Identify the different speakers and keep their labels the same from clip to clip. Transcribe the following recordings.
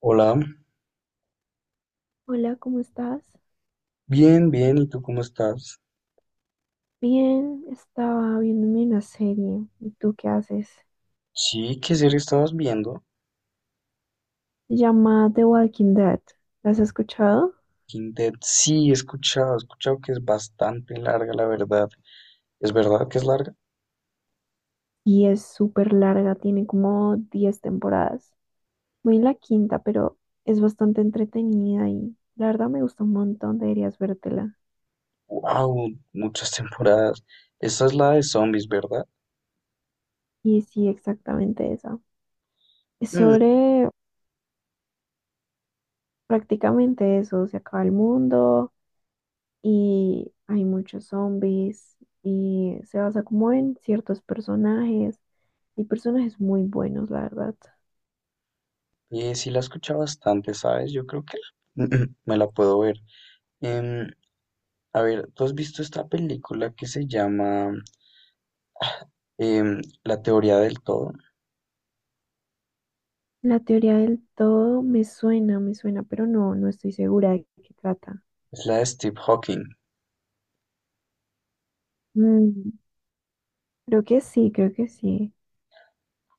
Speaker 1: Hola,
Speaker 2: Hola, ¿cómo estás?
Speaker 1: bien, ¿y tú cómo estás?
Speaker 2: Bien, estaba viéndome una serie. ¿Y tú qué haces?
Speaker 1: Sí, ¿qué serie estabas viendo?
Speaker 2: Se llama The Walking Dead. ¿La has escuchado?
Speaker 1: Walking Dead, sí, he escuchado que es bastante larga, la verdad. ¿Es verdad que es larga?
Speaker 2: Y es súper larga, tiene como 10 temporadas. Voy en la quinta, pero es bastante entretenida y la verdad me gusta un montón, deberías vértela.
Speaker 1: ¡Wow! Muchas temporadas. Esa es la de zombies, ¿verdad?
Speaker 2: Y sí, exactamente esa. Es
Speaker 1: Mm,
Speaker 2: sobre prácticamente eso, se acaba el mundo, y hay muchos zombies y se basa como en ciertos personajes y personajes muy buenos, la verdad.
Speaker 1: sí, la he escuchado bastante, ¿sabes? Yo creo que me la puedo ver. Em, a ver, ¿tú has visto esta película que se llama La teoría del todo?
Speaker 2: La teoría del todo me suena, pero no, no estoy segura de qué trata.
Speaker 1: Es la de Steve Hawking.
Speaker 2: Mm, creo que sí, creo que sí.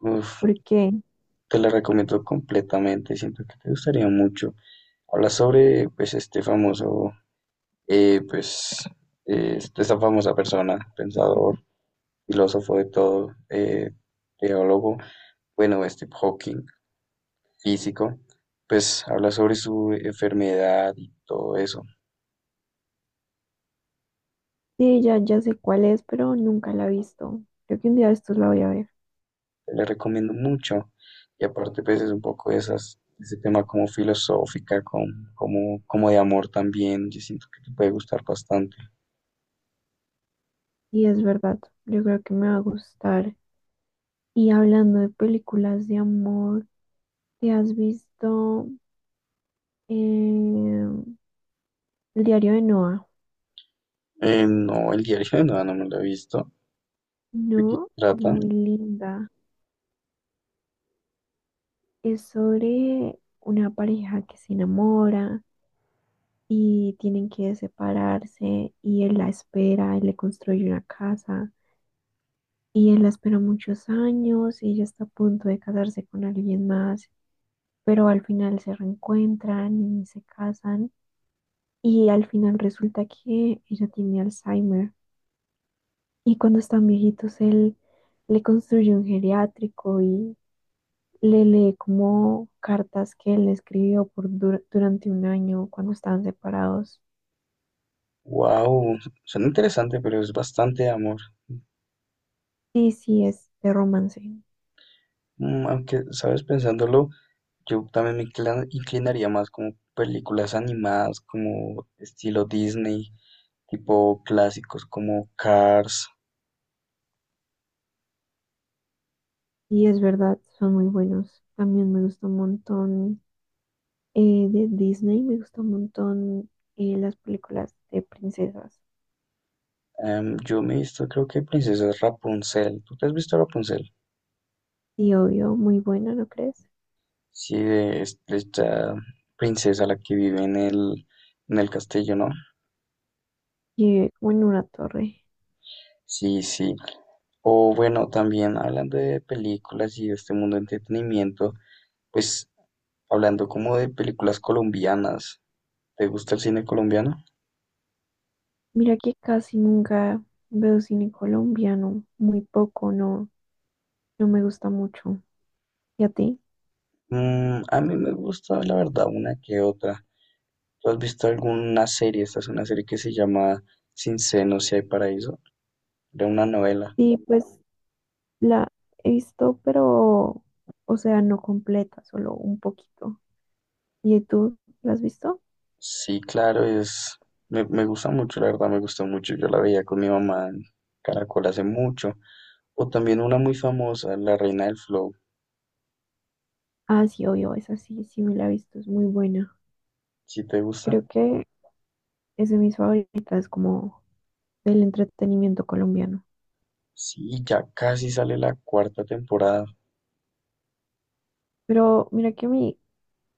Speaker 1: Uf,
Speaker 2: Porque
Speaker 1: te la recomiendo completamente, siento que te gustaría mucho. Habla sobre, pues, este famoso, pues, esta famosa persona, pensador, filósofo de todo, teólogo, bueno, Steve Hawking, físico, pues, habla sobre su enfermedad y todo eso.
Speaker 2: sí, ya, ya sé cuál es, pero nunca la he visto. Creo que un día de estos la voy a ver.
Speaker 1: Te la recomiendo mucho. Y aparte, pues, es un poco de esas, ese tema como filosófica, como, como de amor también. Yo siento que te puede gustar bastante.
Speaker 2: Y es verdad, yo creo que me va a gustar. Y hablando de películas de amor, ¿te has visto? em, El diario de Noah.
Speaker 1: No, el diario de Noa no me lo he visto. ¿De qué
Speaker 2: No, es
Speaker 1: trata?
Speaker 2: muy linda. Es sobre una pareja que se enamora y tienen que separarse y él la espera, él le construye una casa y él la espera muchos años y ella está a punto de casarse con alguien más, pero al final se reencuentran y se casan y al final resulta que ella tiene Alzheimer y cuando están viejitos él le construye un geriátrico y le lee como cartas que él escribió por durante 1 año cuando estaban separados.
Speaker 1: Wow, suena interesante, pero es bastante amor.
Speaker 2: Sí, sí, es de romance.
Speaker 1: Mm, aunque, sabes, pensándolo, yo también inclinaría más como películas animadas, como estilo Disney, tipo clásicos como Cars.
Speaker 2: Y es verdad, son muy buenos. También me gusta un montón de Disney, me gusta un montón las películas de princesas.
Speaker 1: Yo me he visto, creo que Princesa Rapunzel. ¿Tú te has visto Rapunzel?
Speaker 2: Y obvio, muy buena, ¿no crees?
Speaker 1: Sí, de esta princesa, la que vive en el castillo, ¿no?
Speaker 2: Y como en una torre.
Speaker 1: Sí, sí. O bueno, también hablando de películas y de este mundo de entretenimiento, pues hablando como de películas colombianas, ¿te gusta el cine colombiano?
Speaker 2: Mira que casi nunca veo cine colombiano, muy poco, no, no me gusta mucho. ¿Y a ti?
Speaker 1: Mm, a mí me gusta, la verdad, una que otra. ¿Tú has visto alguna serie? Esta es una serie que se llama Sin senos si hay paraíso, de una novela.
Speaker 2: Sí, pues la he visto, pero, o sea, no completa, solo un poquito. ¿Y tú la has visto?
Speaker 1: Sí, claro, es... Me gusta mucho, la verdad, me gustó mucho. Yo la veía con mi mamá en Caracol hace mucho. O también una muy famosa, La Reina del Flow.
Speaker 2: Ah, sí, obvio, esa sí, sí me la he visto, es muy buena.
Speaker 1: ¿Si te gusta?
Speaker 2: Creo que es de mis favoritas como del entretenimiento colombiano.
Speaker 1: Sí, ya casi sale la cuarta temporada.
Speaker 2: Pero mira que a mí,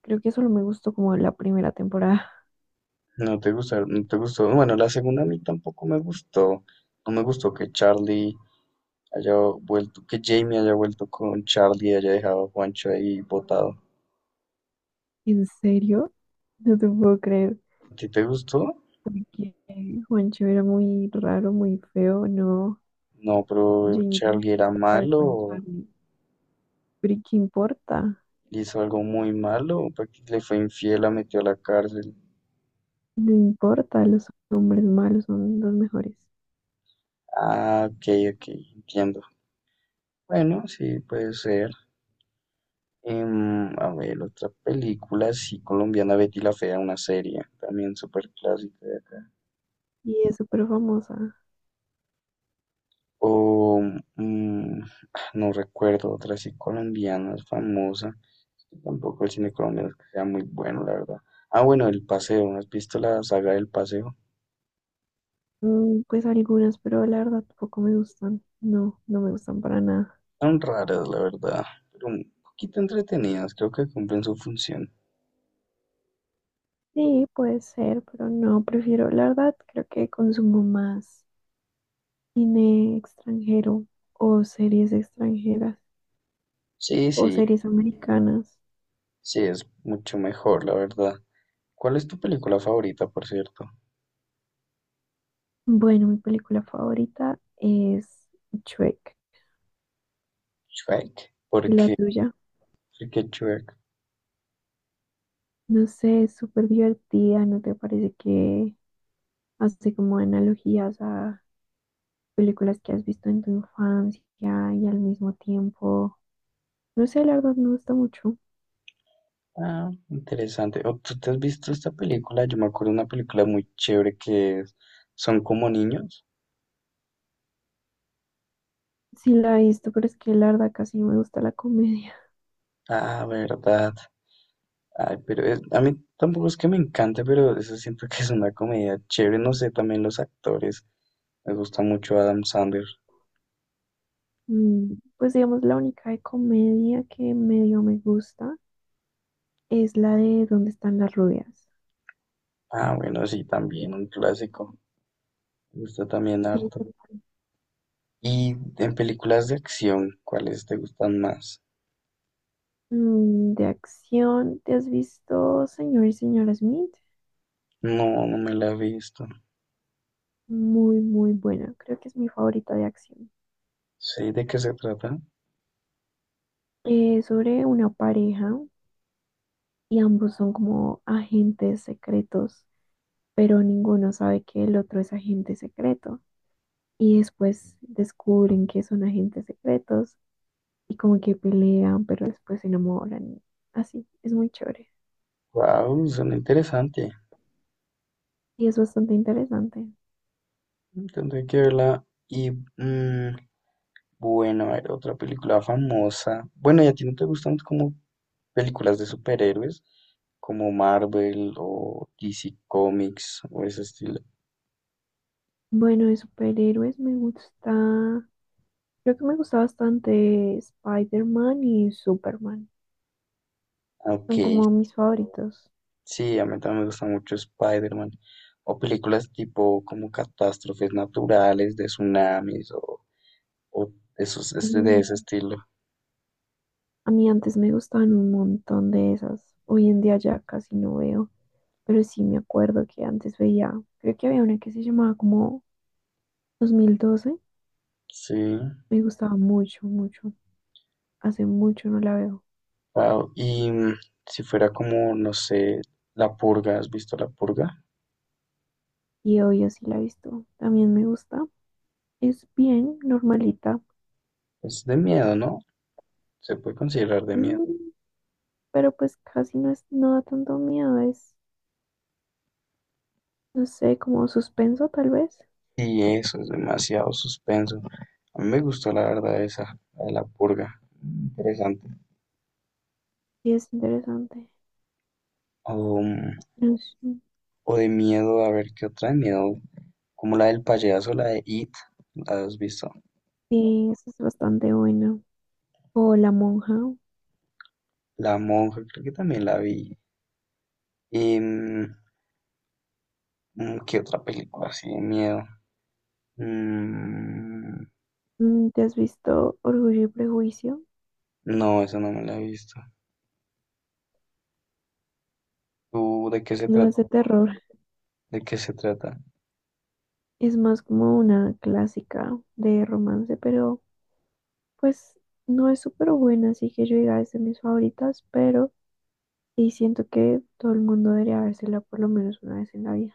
Speaker 2: creo que solo me gustó como la primera temporada.
Speaker 1: No te gustó, no te gustó. Bueno, la segunda a mí tampoco me gustó. No me gustó que Charlie haya vuelto, que Jamie haya vuelto con Charlie y haya dejado a Juancho ahí botado.
Speaker 2: ¿En serio? No te puedo creer.
Speaker 1: ¿A ti te gustó?
Speaker 2: Porque Juancho era muy raro, muy feo, no.
Speaker 1: No, pero
Speaker 2: Jamie tenía
Speaker 1: Charlie
Speaker 2: que
Speaker 1: era
Speaker 2: estar con
Speaker 1: malo,
Speaker 2: Charlie. Pero ¿y qué importa?
Speaker 1: hizo algo muy malo, porque le fue infiel, la metió a la cárcel.
Speaker 2: No importa, los hombres malos son los mejores.
Speaker 1: Ah, ok, ok, entiendo. Bueno, sí, puede ser. A ver, otra película, sí, colombiana, Betty la Fea, una serie, también súper clásica de acá.
Speaker 2: Y es súper famosa.
Speaker 1: O, mm, ah, no recuerdo otra así colombiana, famosa. Tampoco el cine colombiano es que sea muy bueno, la verdad. Ah, bueno, El Paseo, ¿no ¿has visto la saga del Paseo?
Speaker 2: Mm, pues algunas, pero la verdad poco me gustan. No, no me gustan para nada.
Speaker 1: Son raras, la verdad, pero un poquito entretenidas, creo que cumplen su función.
Speaker 2: Sí, puede ser, pero no, prefiero, la verdad, creo que consumo más cine extranjero o series extranjeras
Speaker 1: Sí,
Speaker 2: o
Speaker 1: sí,
Speaker 2: series americanas.
Speaker 1: sí, es mucho mejor, la verdad. ¿Cuál es tu película favorita, por cierto?
Speaker 2: Bueno, mi película favorita es Shrek.
Speaker 1: Shrek,
Speaker 2: ¿Y la
Speaker 1: porque
Speaker 2: tuya?
Speaker 1: Enrique Shrek.
Speaker 2: No sé, es súper divertida, ¿no te parece que hace como analogías a películas que has visto en tu infancia y al mismo tiempo, no sé, la verdad me gusta mucho.
Speaker 1: Ah, interesante. ¿O tú te has visto esta película? Yo me acuerdo de una película muy chévere que es Son como niños.
Speaker 2: Sí la he visto, pero es que la verdad casi no me gusta la comedia.
Speaker 1: Ah, verdad. Ay, pero a mí tampoco es que me encante, pero eso siento que es una comedia chévere. No sé, también los actores. Me gusta mucho Adam Sandler.
Speaker 2: Mm, pues digamos, la única de comedia que medio me gusta es la de ¿Dónde están las rubias?
Speaker 1: Ah, bueno, sí, también un clásico. Me gusta también
Speaker 2: Y
Speaker 1: harto.
Speaker 2: tú,
Speaker 1: Y en películas de acción, ¿cuáles te gustan más?
Speaker 2: de acción, ¿te has visto Señor y Señora Smith?
Speaker 1: No, no me la he visto.
Speaker 2: Muy, muy buena. Creo que es mi favorita de acción.
Speaker 1: Sí, ¿de qué se trata?
Speaker 2: Sobre una pareja y ambos son como agentes secretos pero ninguno sabe que el otro es agente secreto. Y después descubren que son agentes secretos y como que pelean, pero después se enamoran. Así, es muy chévere
Speaker 1: Wow, suena interesante.
Speaker 2: y es bastante interesante.
Speaker 1: Mm, tendré que verla. Y mm, bueno, a ver, otra película famosa. Bueno, ¿y a ti no te gustan como películas de superhéroes? Como Marvel o DC Comics o ese estilo.
Speaker 2: Bueno, de superhéroes me gusta, creo que me gusta bastante Spider-Man y Superman.
Speaker 1: Ok,
Speaker 2: Son como mis favoritos.
Speaker 1: sí, a mí también me gusta mucho Spider-Man. O películas tipo como catástrofes naturales, de tsunamis o esos, de
Speaker 2: Y
Speaker 1: ese estilo.
Speaker 2: a mí antes me gustaban un montón de esas. Hoy en día ya casi no veo. Pero sí me acuerdo que antes veía, creo que había una que se llamaba como 2012.
Speaker 1: Sí,
Speaker 2: Me gustaba mucho, mucho. Hace mucho no la veo.
Speaker 1: wow. Y mm, si fuera como, no sé, La Purga, ¿has visto La Purga?
Speaker 2: Y hoy sí la he visto. También me gusta. Es bien normalita.
Speaker 1: Es de miedo, ¿no? Se puede considerar de miedo.
Speaker 2: Mm, pero pues casi no es, no da tanto miedo. Es, no sé, como suspenso tal vez.
Speaker 1: Y eso es demasiado suspenso. A mí me gustó la verdad esa, la de la purga. Interesante.
Speaker 2: Sí, es interesante.
Speaker 1: O, mm,
Speaker 2: No sé.
Speaker 1: o de miedo, a ver qué otra de miedo. Como la del payaso, la de It, ¿la has visto?
Speaker 2: Sí, esa es bastante buena. O La Monja.
Speaker 1: La monja, creo que también la vi. Y, mm, mm, ¿qué otra película así de miedo? Mm,
Speaker 2: Mm, ¿te has visto Orgullo y Prejuicio?
Speaker 1: no, esa no me la he visto. ¿Tú de qué se
Speaker 2: No
Speaker 1: trata?
Speaker 2: es de terror.
Speaker 1: ¿De qué se trata?
Speaker 2: Es más como una clásica de romance, pero pues no es súper buena, así que yo diga es de mis favoritas, pero sí siento que todo el mundo debería vérsela por lo menos una vez en la vida.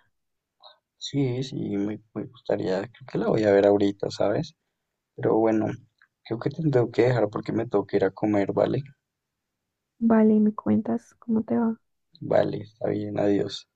Speaker 1: Sí, sí, me gustaría, creo que la voy a ver ahorita, ¿sabes? Pero bueno, creo que te tengo que dejar porque me tengo que ir a comer, ¿vale?
Speaker 2: Vale, ¿me cuentas cómo te va?
Speaker 1: Vale, está bien, adiós.